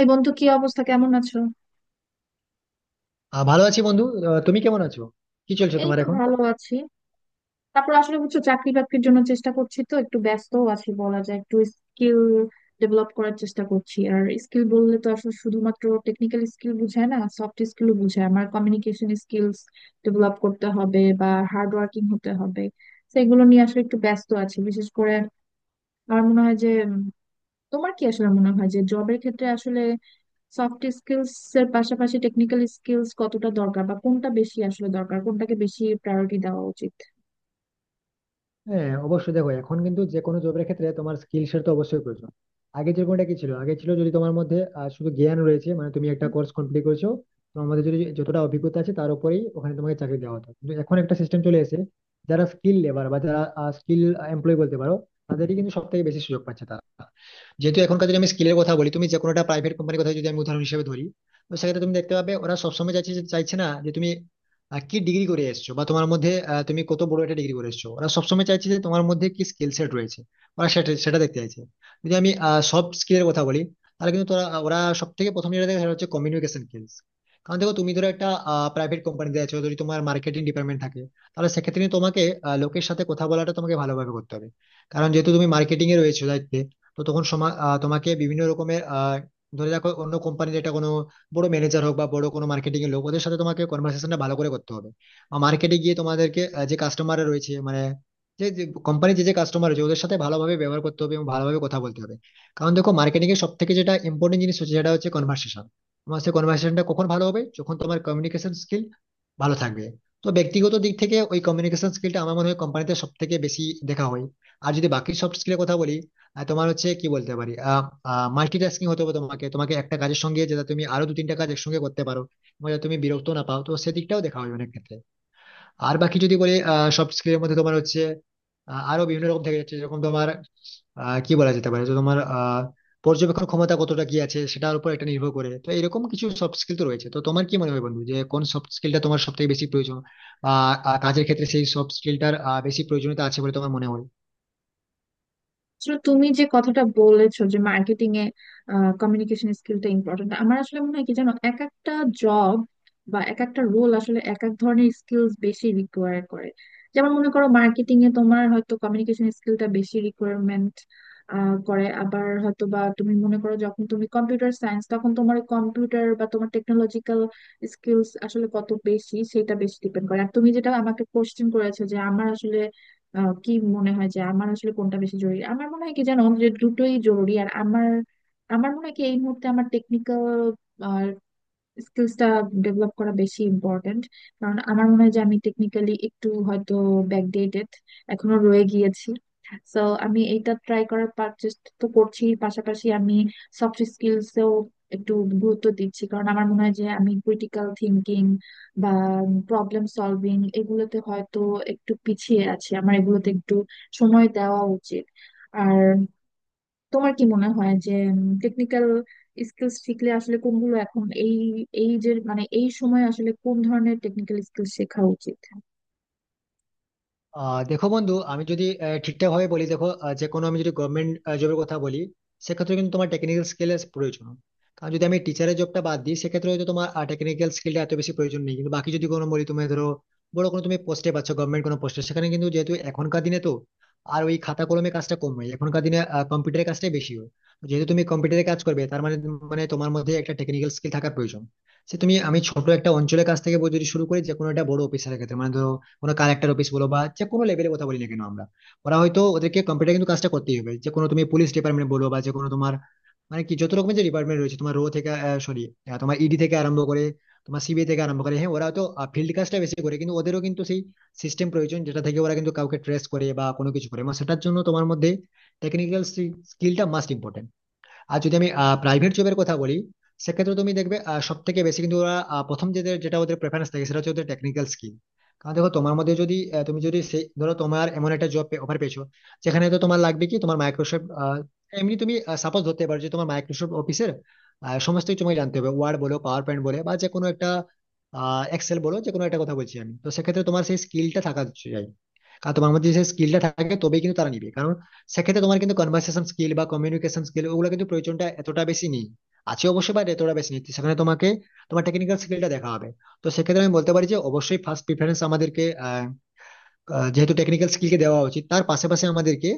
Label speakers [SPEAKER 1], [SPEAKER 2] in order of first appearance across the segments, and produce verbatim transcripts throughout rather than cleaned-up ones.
[SPEAKER 1] এই বন্ধু, কি অবস্থা? কেমন আছো?
[SPEAKER 2] আহ, ভালো আছি বন্ধু। আহ, তুমি কেমন আছো? কি চলছে
[SPEAKER 1] এই
[SPEAKER 2] তোমার
[SPEAKER 1] তো
[SPEAKER 2] এখন?
[SPEAKER 1] ভালো আছি। তারপর আসলে বুঝছো, চাকরি বাকরির জন্য চেষ্টা করছি, তো একটু ব্যস্ত আছি বলা যায়। একটু স্কিল ডেভেলপ করার চেষ্টা করছি। আর স্কিল বললে তো আসলে শুধুমাত্র টেকনিক্যাল স্কিল বুঝায় না, সফট স্কিলও বুঝায়। আমার কমিউনিকেশন স্কিলস ডেভেলপ করতে হবে বা হার্ড ওয়ার্কিং হতে হবে। সেগুলো নিয়ে আসলে একটু ব্যস্ত আছি। বিশেষ করে আমার মনে হয় যে উম, তোমার কি আসলে মনে হয় যে জবের ক্ষেত্রে আসলে সফট স্কিলস এর পাশাপাশি টেকনিক্যাল স্কিলস কতটা দরকার? বা কোনটা বেশি আসলে দরকার, কোনটাকে বেশি প্রায়োরিটি দেওয়া উচিত?
[SPEAKER 2] হ্যাঁ, অবশ্যই। দেখো, এখন কিন্তু যে কোনো জবের ক্ষেত্রে তোমার স্কিলসের তো অবশ্যই প্রয়োজন। আগে যেরকমটা কি ছিল, আগে ছিল যদি তোমার মধ্যে আহ, শুধু জ্ঞান রয়েছে, মানে তুমি একটা কোর্স কমপ্লিট করেছো। তোমার মধ্যে যদি যতটা অভিজ্ঞতা আছে তার উপরেই ওখানে তোমাকে চাকরি দেওয়া হতো, কিন্তু এখন একটা সিস্টেম চলে এসেছে। যারা স্কিল লেবার বা যারা স্কিল এমপ্লয় বলতে পারো, তাদেরই কিন্তু সব থেকে বেশি সুযোগ পাচ্ছে তারা। যেহেতু এখনকার যদি আমি স্কিলের কথা বলি, তুমি যে কোনো একটা প্রাইভেট কোম্পানির কথা যদি আমি উদাহরণ হিসেবে ধরি, তো সেক্ষেত্রে তুমি দেখতে পাবে ওরা সবসময় চাইছে, চাইছে না যে তুমি আহ, কি ডিগ্রি করে এসেছো বা তোমার মধ্যে আহ, তুমি কত বড় একটা ডিগ্রি করে এসেছো। ওরা সবসময় চাইছে যে তোমার মধ্যে কি স্কিল সেট রয়েছে। ওরা সেটা সেটা দেখতে চাইছে। যদি আমি সফট স্কিলের কথা বলি, তাহলে কিন্তু তোরা ওরা সব থেকে প্রথম যেটা দেখে সেটা হচ্ছে কমিউনিকেশন স্কিলস। কারণ দেখো, তুমি ধরো একটা প্রাইভেট কোম্পানিতে আছো, যদি তোমার মার্কেটিং ডিপার্টমেন্ট থাকে, তাহলে সেক্ষেত্রে কিন্তু তোমাকে আহ, লোকের সাথে কথা বলাটা তোমাকে ভালোভাবে করতে হবে। কারণ যেহেতু তুমি মার্কেটিং এ রয়েছো দায়িত্বে, তো তখন সমা- আহ, তোমাকে বিভিন্ন রকমের আহ, ধরে রাখো অন্য কোম্পানির, এটা কোনো বড় ম্যানেজার হোক বা বড় কোনো মার্কেটিং এর লোক, ওদের সাথে তোমাকে কনভার্সেশনটা ভালো করে করতে হবে। মার্কেটে গিয়ে তোমাদেরকে আহ, যে কাস্টমার রয়েছে, মানে যে কোম্পানি যে যে কাস্টমার রয়েছে, ওদের সাথে ভালোভাবে ব্যবহার করতে হবে এবং ভালোভাবে কথা বলতে হবে। কারণ দেখো, মার্কেটিং এর সব থেকে যেটা ইম্পর্টেন্ট জিনিস হচ্ছে সেটা হচ্ছে কনভার্সেশন। তোমার সেই কনভার্সেশনটা কখন ভালো হবে? যখন তোমার কমিউনিকেশন স্কিল ভালো থাকবে। তো ব্যক্তিগত দিক থেকে ওই কমিউনিকেশন স্কিলটা আমার মনে হয় কোম্পানিতে সব থেকে বেশি দেখা হয়। আর যদি বাকি সফট স্কিলের কথা বলি, আর তোমার হচ্ছে কি বলতে পারি, মাল্টিটাস্কিং হতে হবে তোমাকে তোমাকে একটা কাজের সঙ্গে যেটা তুমি আরো দু তিনটা কাজ একসঙ্গে করতে পারো, এবং যাতে তুমি বিরক্ত না পাও, তো সেদিকটাও দেখা হবে অনেক ক্ষেত্রে। আর বাকি যদি বলি, সব স্কিলের মধ্যে তোমার হচ্ছে আহ, আরো বিভিন্ন রকম থেকে যাচ্ছে, যেরকম তোমার আহ, কি বলা যেতে পারে যে তোমার আহ পর্যবেক্ষণ ক্ষমতা কতটা কি আছে সেটার উপর এটা নির্ভর করে। তো এরকম কিছু সফট স্কিল তো রয়েছে। তো তোমার কি মনে হয় বন্ধু, যে কোন সফট স্কিলটা তোমার সব থেকে বেশি প্রয়োজন বা আহ, কাজের ক্ষেত্রে সেই সফট স্কিলটার বেশি প্রয়োজনীয়তা আছে বলে তোমার মনে হয়?
[SPEAKER 1] আসলে তুমি যে কথাটা বলেছো যে মার্কেটিং এ কমিউনিকেশন স্কিলটা ইম্পর্টেন্ট, আমার আসলে মনে হয় কি জানো, এক একটা জব বা এক একটা রোল আসলে এক এক ধরনের স্কিলস বেশি রিকোয়ার করে। যেমন মনে করো মার্কেটিং এ তোমার হয়তো কমিউনিকেশন স্কিলটা বেশি রিকোয়ারমেন্ট করে, আবার হয়তো বা তুমি মনে করো যখন তুমি কম্পিউটার সায়েন্স, তখন তোমার কম্পিউটার বা তোমার টেকনোলজিক্যাল স্কিলস আসলে কত বেশি সেটা বেশি ডিপেন্ড করে। আর তুমি যেটা আমাকে কোশ্চেন করেছো যে আমার আসলে আহ, কি মনে হয় যে আমার আসলে কোনটা বেশি জরুরি, আমার মনে হয় কি জানো, যে দুটোই জরুরি। আর আমার আমার মনে হয় কি, এই মুহূর্তে আমার টেকনিক্যাল স্কিলসটা ডেভেলপ করা বেশি ইম্পর্ট্যান্ট। কারণ আমার মনে হয় যে আমি টেকনিক্যালি একটু হয়তো ব্যাকডেটেড এখনো রয়ে গিয়েছি। তো আমি এইটা ট্রাই করার পা- চেষ্টা তো করছি। পাশাপাশি আমি সফট স্কিলসেও একটু গুরুত্ব দিচ্ছি, কারণ আমার মনে হয় যে আমি ক্রিটিক্যাল থিঙ্কিং বা প্রবলেম সলভিং এগুলোতে হয়তো একটু পিছিয়ে আছি। আমার এগুলোতে একটু সময় দেওয়া উচিত। আর তোমার কি মনে হয় যে টেকনিক্যাল স্কিলস শিখলে আসলে কোনগুলো এখন এই এই যে মানে এই সময় আসলে কোন ধরনের টেকনিক্যাল স্কিল শেখা উচিত?
[SPEAKER 2] আহ দেখো বন্ধু, আমি যদি আহ, ঠিকঠাক ভাবে বলি, দেখো, আহ, যে কোনো আমি যদি গভর্নমেন্ট জবের কথা বলি, সেক্ষেত্রে কিন্তু তোমার টেকনিক্যাল স্কিলের প্রয়োজন। কারণ যদি আমি টিচারের জবটা বাদ দিই, সেক্ষেত্রে হয়তো তোমার টেকনিক্যাল স্কিলটা এত বেশি প্রয়োজন নেই, কিন্তু বাকি যদি কোনো বলি, তুমি ধরো বড় কোনো তুমি পোস্টে পাচ্ছ, গভর্নমেন্ট কোনো পোস্টে, সেখানে কিন্তু যেহেতু এখনকার দিনে তো আর ওই খাতা কলমে কাজটা কম হয় এখনকার দিনে, কম্পিউটারের কাজটাই বেশি হয়। তো যেহেতু তুমি কম্পিউটারে কাজ করবে, তার মানে মানে তোমার মধ্যে একটা টেকনিক্যাল স্কিল থাকার প্রয়োজন। সে তুমি আমি ছোট একটা অঞ্চলের কাছ থেকে যদি শুরু করি, যে কোনো একটা বড় অফিসারের ক্ষেত্রে, মানে ধরো কোনো কালেক্টর অফিস বলো বা যে কোনো লেভেলের কথা বলি না কেন আমরা, ওরা হয়তো, ওদেরকে কম্পিউটার কিন্তু কাজটা করতেই হবে। যে কোনো তুমি পুলিশ ডিপার্টমেন্ট বলো বা যে কোনো তোমার, মানে কি যত রকমের যে ডিপার্টমেন্ট রয়েছে, তোমার রো থেকে, সরি, তোমার ইডি থেকে আরম্ভ করে, তোমার সিবিআই থেকে আরম্ভ করে। হ্যাঁ, ওরা তো ফিল্ড কাজটা বেশি করে, কিন্তু ওদেরও কিন্তু সেই সিস্টেম প্রয়োজন যেটা থেকে ওরা কিন্তু কাউকে ট্রেস করে বা কোনো কিছু করে, এবং সেটার জন্য তোমার মধ্যে টেকনিক্যাল স্কিলটা মাস্ট ইম্পর্টেন্ট। আর যদি আমি প্রাইভেট জবের কথা বলি, সেক্ষেত্রে তুমি দেখবে সব থেকে বেশি কিন্তু ওরা, আহ, প্রথম যেদের যেটা ওদের প্রেফারেন্স থাকে সেটা হচ্ছে ওদের টেকনিক্যাল স্কিল। কারণ দেখো, তোমার মধ্যে যদি আহ, তুমি যদি সেই ধরো তোমার এমন একটা জব অফার পেয়েছো যেখানে তো তোমার লাগবে কি, তোমার মাইক্রোসফট, এমনি তুমি সাপোজ ধরতে পারো যে তোমার মাইক্রোসফট অফিসের সমস্ত কিছু তোমাকে জানতে হবে, ওয়ার্ড বলো, পাওয়ার পয়েন্ট বলে, বা যে কোনো একটা এক্সেল বলো, যে কোনো একটা কথা বলছি আমি। তো সেক্ষেত্রে তোমার সেই স্কিলটা থাকা চাই। কারণ তোমার মধ্যে সেই স্কিলটা থাকে তবেই কিন্তু তারা নিবে। কারণ সেক্ষেত্রে তোমার কিন্তু কনভার্সেশন স্কিল বা কমিউনিকেশন স্কিল, ওগুলো কিন্তু প্রয়োজনটা এতটা বেশি নেই। আছে অবশ্যই, বা এতটা বেশি নেই। তো সেখানে তোমাকে তোমার টেকনিক্যাল স্কিলটা দেখা হবে। তো সেক্ষেত্রে আমি বলতে পারি যে অবশ্যই ফার্স্ট প্রিফারেন্স আমাদেরকে, আহ, যেহেতু টেকনিক্যাল স্কিলকে দেওয়া উচিত, তার পাশাপাশি আমাদেরকে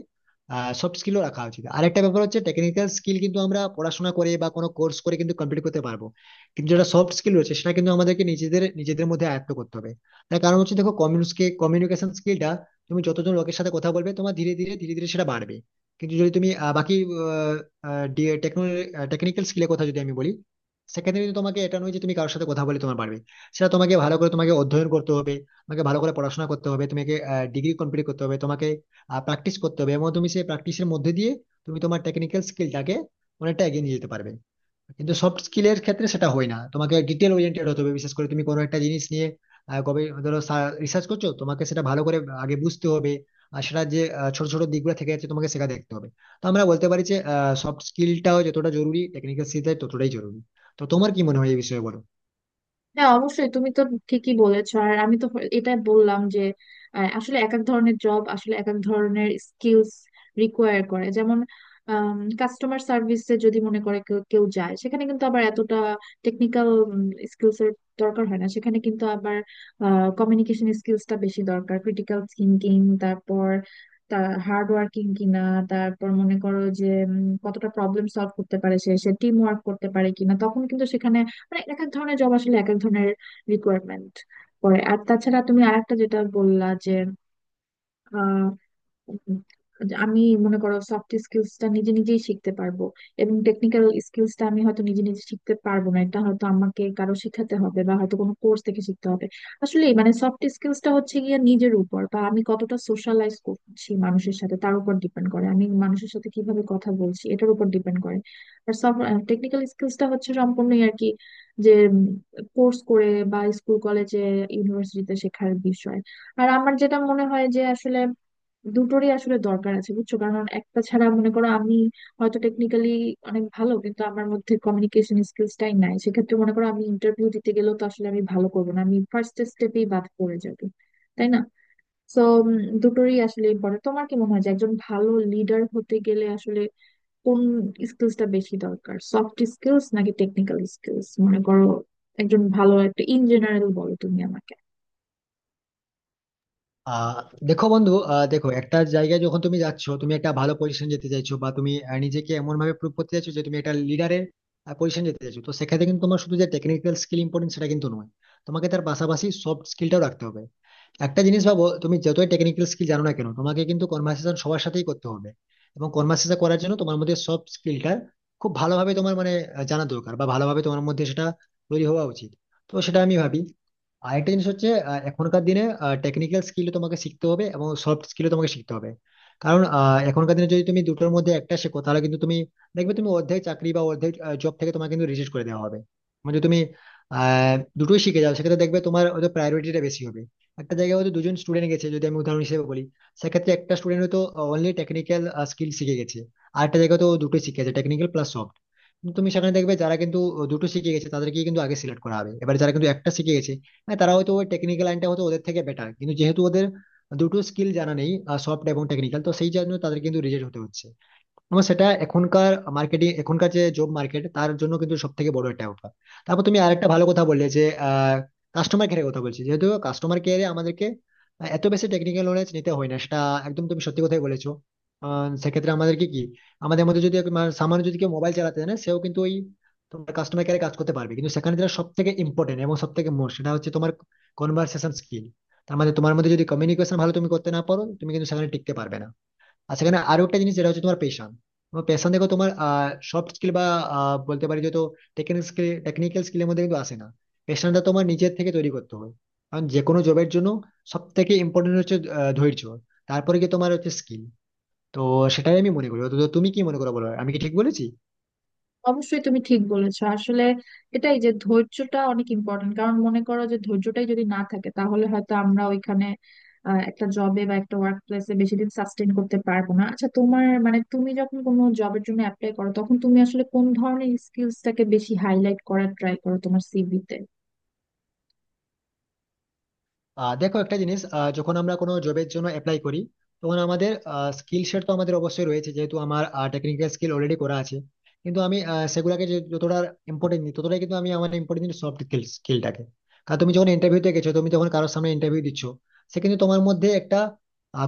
[SPEAKER 2] সফট স্কিলও রাখা উচিত। আরেকটা ব্যাপার হচ্ছে টেকনিক্যাল স্কিল কিন্তু আমরা পড়াশোনা করে বা কোনো কোর্স করে কিন্তু কমপ্লিট করতে পারবো, কিন্তু যেটা সফট স্কিল রয়েছে সেটা কিন্তু আমাদেরকে নিজেদের নিজেদের মধ্যে আয়ত্ত করতে হবে। তার কারণ হচ্ছে, দেখো, কমিউনিকেশন স্কিলটা তুমি যতজন লোকের সাথে কথা বলবে তোমার ধীরে ধীরে ধীরে ধীরে সেটা বাড়বে। কিন্তু যদি তুমি আহ, বাকি টেকনিক্যাল স্কিলের কথা যদি আমি বলি, সেক্ষেত্রে কিন্তু তোমাকে এটা নয় যে তুমি কারোর সাথে কথা বলে তোমার বাড়বে। সেটা তোমাকে ভালো করে তোমাকে অধ্যয়ন করতে হবে, তোমাকে ভালো করে পড়াশোনা করতে হবে, তোমাকে ডিগ্রি কমপ্লিট করতে হবে, তোমাকে প্র্যাকটিস করতে হবে, এবং তুমি সেই প্র্যাকটিসের মধ্যে দিয়ে তুমি তোমার টেকনিক্যাল স্কিলটাকে অনেকটা এগিয়ে নিয়ে যেতে পারবে। কিন্তু সফট স্কিলের ক্ষেত্রে সেটা হয় না। তোমাকে ডিটেল ওরিয়েন্টেড হতে হবে, বিশেষ করে তুমি কোনো একটা জিনিস নিয়ে আহ, গবে ধরো রিসার্চ করছো, তোমাকে সেটা ভালো করে আগে বুঝতে হবে। আর সেটা যে আহ, ছোট ছোট দিকগুলো থেকে যাচ্ছে তোমাকে সেটা দেখতে হবে। তো আমরা বলতে পারি যে সফট স্কিলটাও যতটা জরুরি, টেকনিক্যাল স্কিলটা ততটাই জরুরি। তো তোমার কি মনে হয় এই বিষয়ে, বলো।
[SPEAKER 1] হ্যাঁ অবশ্যই, তুমি তো ঠিকই বলেছো। আর আমি তো এটা বললাম যে আহ, আসলে এক এক ধরনের জব আসলে এক এক ধরনের স্কিলস রিকোয়ার করে। যেমন কাস্টমার সার্ভিসে যদি মনে করে কেউ কেউ যায়, সেখানে কিন্তু আবার এতটা টেকনিক্যাল স্কিলস এর দরকার হয় না। সেখানে কিন্তু আবার কমিউনিকেশন স্কিলসটা বেশি দরকার, ক্রিটিক্যাল থিঙ্কিং, তারপর তার হার্ড ওয়ার্কিং কিনা, তারপর মনে করো যে উম, কতটা প্রবলেম সলভ করতে পারে সে, সে টিম ওয়ার্ক করতে পারে কিনা, তখন কিন্তু সেখানে মানে এক এক ধরনের জব আসলে এক এক ধরনের রিকোয়ারমেন্ট পড়ে। আর তাছাড়া তুমি আরেকটা যেটা বললা যে উম, যে আমি, মনে করো, সফট স্কিলসটা নিজে নিজেই শিখতে পারবো, এবং টেকনিক্যাল স্কিলসটা আমি হয়তো নিজে নিজে শিখতে পারবো না, এটা হয়তো আমাকে কারো শিখাতে হবে বা হয়তো কোনো কোর্স থেকে শিখতে হবে। আসলে মানে সফট স্কিলসটা হচ্ছে গিয়ে নিজের উপর, বা আমি কতটা সোশ্যালাইজ করছি মানুষের সাথে তার উপর ডিপেন্ড করে, আমি মানুষের সাথে কিভাবে কথা বলছি এটার উপর ডিপেন্ড করে। আর সফট টেকনিক্যাল স্কিলসটা হচ্ছে সম্পূর্ণই আর কি, যে কোর্স করে বা স্কুল কলেজে ইউনিভার্সিটিতে শেখার বিষয়। আর আমার যেটা মনে হয় যে আসলে দুটোরই আসলে দরকার আছে বুঝছো। কারণ একটা ছাড়া, মনে করো আমি হয়তো টেকনিক্যালি অনেক ভালো, কিন্তু আমার মধ্যে কমিউনিকেশন স্কিলসটাই নাই, সেক্ষেত্রে মনে করো আমি ইন্টারভিউ দিতে গেলেও তো আসলে আমি ভালো করবো না, আমি ফার্স্ট স্টেপেই বাদ পড়ে যাবে, তাই না? তো দুটোরই আসলে ইম্পর্টেন্ট। তোমার কি মনে হয় যে একজন ভালো লিডার হতে গেলে আসলে কোন স্কিলসটা বেশি দরকার, সফট স্কিলস নাকি টেকনিক্যাল স্কিলস? মনে করো একজন ভালো একটা, ইন জেনারেল বলো তুমি আমাকে।
[SPEAKER 2] আহ দেখো বন্ধু, আহ দেখো, একটা জায়গায় যখন তুমি যাচ্ছ, তুমি একটা ভালো পজিশন যেতে চাইছো বা তুমি আহ, নিজেকে এমন ভাবে প্রুভ করতে চাইছো যে তুমি একটা লিডারের পজিশন যেতে চাইছো, তো সেক্ষেত্রে কিন্তু তোমার শুধু যে টেকনিক্যাল স্কিল ইম্পর্টেন্ট সেটা কিন্তু নয়, তোমাকে তার পাশাপাশি সফট স্কিলটাও রাখতে হবে। একটা জিনিস ভাবো, তুমি যতই টেকনিক্যাল স্কিল জানো না কেন, তোমাকে কিন্তু কনভার্সেশন সবার সাথেই করতে হবে। এবং কনভার্সেশন করার জন্য তোমার মধ্যে সব স্কিলটা খুব ভালোভাবে তোমার মানে আহ, জানা দরকার বা ভালোভাবে তোমার মধ্যে সেটা তৈরি হওয়া উচিত। তো সেটা আমি ভাবি। আর একটা জিনিস হচ্ছে, আহ, এখনকার দিনে টেকনিক্যাল স্কিল তোমাকে শিখতে হবে এবং সফট স্কিলও তোমাকে শিখতে হবে। কারণ আহ, এখনকার দিনে যদি তুমি দুটোর মধ্যে একটা শেখো, তাহলে কিন্তু তুমি দেখবে তুমি অর্ধেক চাকরি বা অর্ধেক জব থেকে তোমাকে কিন্তু রিজেক্ট করে দেওয়া হবে। মানে যদি তুমি আহ দুটোই শিখে যাও, সেক্ষেত্রে দেখবে তোমার হয়তো প্রায়োরিটিটা বেশি হবে। একটা জায়গায় হয়তো দুজন স্টুডেন্ট গেছে যদি আমি উদাহরণ হিসেবে বলি, সেক্ষেত্রে একটা স্টুডেন্ট হয়তো অনলি টেকনিক্যাল স্কিল শিখে গেছে, আর একটা জায়গায় তো দুটো শিখেছে, টেকনিক্যাল প্লাস সফট। তুমি সেখানে দেখবে যারা কিন্তু দুটো শিখে গেছে তাদেরকে কিন্তু আগে সিলেক্ট করা হবে, এবার যারা কিন্তু একটা শিখে গেছে, হ্যাঁ, তারা হয়তো ওই টেকনিক্যাল লাইনটা হয়তো ওদের থেকে বেটার, কিন্তু যেহেতু ওদের দুটো স্কিল জানা নেই, সফট এবং টেকনিক্যাল, তো সেই জন্য তাদের কিন্তু রিজেক্ট হতে হচ্ছে। এবং সেটা এখনকার মার্কেটিং, এখনকার যে জব মার্কেট, তার জন্য কিন্তু সব থেকে বড় একটা ওঠা। তারপর তুমি আরেকটা ভালো কথা বললে যে কাস্টমার কেয়ারের কথা বলছি, যেহেতু কাস্টমার কেয়ারে আমাদেরকে আহ, এত বেশি টেকনিক্যাল নলেজ নিতে হয় না, সেটা একদম তুমি সত্যি কথাই বলেছো। আহ, সেক্ষেত্রে আমাদেরকে কি, আমাদের মধ্যে যদি এক- মানে সামান্য যদি কেউ মোবাইল চালাতে জানে সেও কিন্তু ওই তোমার কাস্টমার কেয়ারে কাজ করতে পারবে, কিন্তু সেখানে যেটা সব থেকে ইম্পর্টেন্ট এবং সব থেকে মোস্ট সেটা হচ্ছে তোমার কনভার্সেশন স্কিল। তার মানে তোমার মধ্যে যদি কমিউনিকেশন ভালো তুমি করতে না পারো, তুমি কিন্তু সেখানে টিকতে পারবে না। আর সেখানে আরো একটা জিনিস যেটা হচ্ছে তোমার পেশন। তোমার পেশন, দেখো, তোমার সফট স্কিল বা আহ, বলতে পারি যে তো টেকনিক্যাল স্কিল টেকনিক্যাল স্কিলের মধ্যে কিন্তু আসে না। পেশনটা তোমার নিজের থেকে তৈরি করতে হয়। কারণ যে কোনো জবের জন্য সব থেকে ইম্পর্টেন্ট হচ্ছে আহ, ধৈর্য, তারপরে কি তোমার হচ্ছে স্কিল। তো সেটাই আমি মনে করি। তো তুমি কি মনে করো বলো, আমি কি ঠিক বলেছি?
[SPEAKER 1] অবশ্যই তুমি ঠিক বলেছো। আসলে এটাই যে ধৈর্যটা অনেক ইম্পর্টেন্ট, কারণ মনে করো যে ধৈর্যটাই যদি না থাকে তাহলে হয়তো আমরা ওইখানে আহ, একটা জবে বা একটা ওয়ার্ক প্লেসে বেশি দিন সাস্টেন করতে পারবো না। আচ্ছা তোমার মানে তুমি যখন কোনো জবের জন্য অ্যাপ্লাই করো, তখন তুমি আসলে কোন ধরনের স্কিলসটাকে বেশি হাইলাইট করার ট্রাই করো তোমার সিভিতে?
[SPEAKER 2] আহ দেখো একটা জিনিস, আহ, যখন আমরা কোনো জবের জন্য অ্যাপ্লাই করি, তখন আমাদের স্কিল সেট তো আমাদের অবশ্যই রয়েছে, যেহেতু আমার টেকনিক্যাল স্কিল অলরেডি করা আছে। কিন্তু আমি আহ, সেগুলাকে যে- যতটা ইম্পর্টেন্ট দিই ততটাই কিন্তু আমি আমার ইম্পর্টেন্ট দিই সফট স্কিলটাকে। কারণ তুমি যখন ইন্টারভিউতে গেছো, তুমি যখন কারোর সামনে ইন্টারভিউ দিচ্ছ, সে কিন্তু তোমার মধ্যে একটা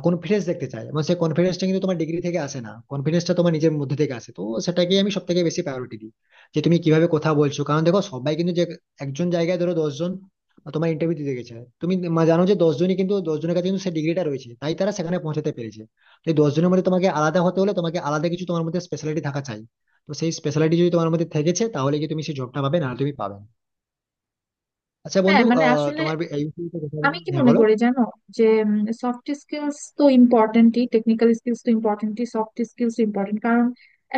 [SPEAKER 2] কনফিডেন্স দেখতে চায়, এবং সেই কনফিডেন্সটা কিন্তু তোমার ডিগ্রি থেকে আসে না, কনফিডেন্সটা তোমার নিজের মধ্যে থেকে আসে। তো সেটাকে আমি সব থেকে বেশি প্রায়োরিটি দিই, যে তুমি কিভাবে কথা বলছো। কারণ দেখো, সবাই কিন্তু যে একজন জায়গায় ধরো দশজন তোমার ইন্টারভিউ দিতে গেছে, তুমি মা- জানো যে দশ জনই কিন্তু দশ জনের কাছে কিন্তু সেই ডিগ্রিটা রয়েছে, তাই তারা সেখানে পৌঁছাতে পেরেছে। তো এই দশ জনের মধ্যে তোমাকে আলাদা হতে হলে, তোমাকে আলাদা কিছু, তোমার মধ্যে স্পেশালিটি থাকা চাই। তো সেই স্পেশালিটি যদি তোমার মধ্যে থেকেছে তাহলে কি তুমি সেই জবটা পাবে না? তুমি পাবে না। আচ্ছা
[SPEAKER 1] হ্যাঁ
[SPEAKER 2] বন্ধু,
[SPEAKER 1] মানে
[SPEAKER 2] আহ
[SPEAKER 1] আসলে
[SPEAKER 2] তোমার এই বিষয়ে তো কথা
[SPEAKER 1] আমি
[SPEAKER 2] বলে-
[SPEAKER 1] কি
[SPEAKER 2] হ্যাঁ,
[SPEAKER 1] মনে
[SPEAKER 2] বলো।
[SPEAKER 1] করি জানো, যে সফট স্কিলস তো ইম্পর্টেন্টই, টেকনিক্যাল স্কিলস তো ইম্পর্টেন্টই। সফট স্কিলস ইম্পর্টেন্ট কারণ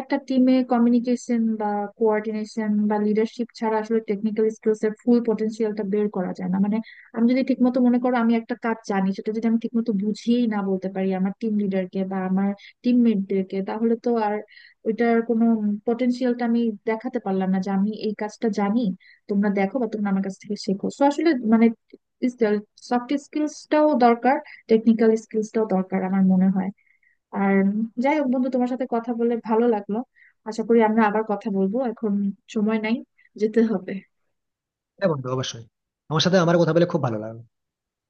[SPEAKER 1] একটা টিমে কমিউনিকেশন বা কোঅর্ডিনেশন বা লিডারশিপ ছাড়া আসলে টেকনিক্যাল স্কিলস এর ফুল পটেনশিয়ালটা বের করা যায় না। মানে আমি যদি ঠিকমতো, মনে করো আমি একটা কাজ জানি, সেটা যদি আমি ঠিকমতো বুঝিয়েই না বলতে পারি আমার টিম লিডারকে বা আমার টিমমেটদেরকে, তাহলে তো আর ওইটার কোনো পটেনশিয়ালটা আমি দেখাতে পারলাম না যে আমি এই কাজটা জানি, তোমরা দেখো বা তোমরা আমার কাছ থেকে শেখো। তো আসলে মানে স্কিল সফট স্কিলসটাও দরকার, টেকনিক্যাল স্কিলসটাও দরকার আমার মনে হয়। আর যাই হোক বন্ধু, তোমার সাথে কথা বলে ভালো লাগলো। আশা করি আমরা আবার কথা বলবো। এখন সময় নাই, যেতে হবে।
[SPEAKER 2] হ্যাঁ বন্ধু, অবশ্যই। আমার সাথে আমার কথা বলে খুব ভালো লাগলো।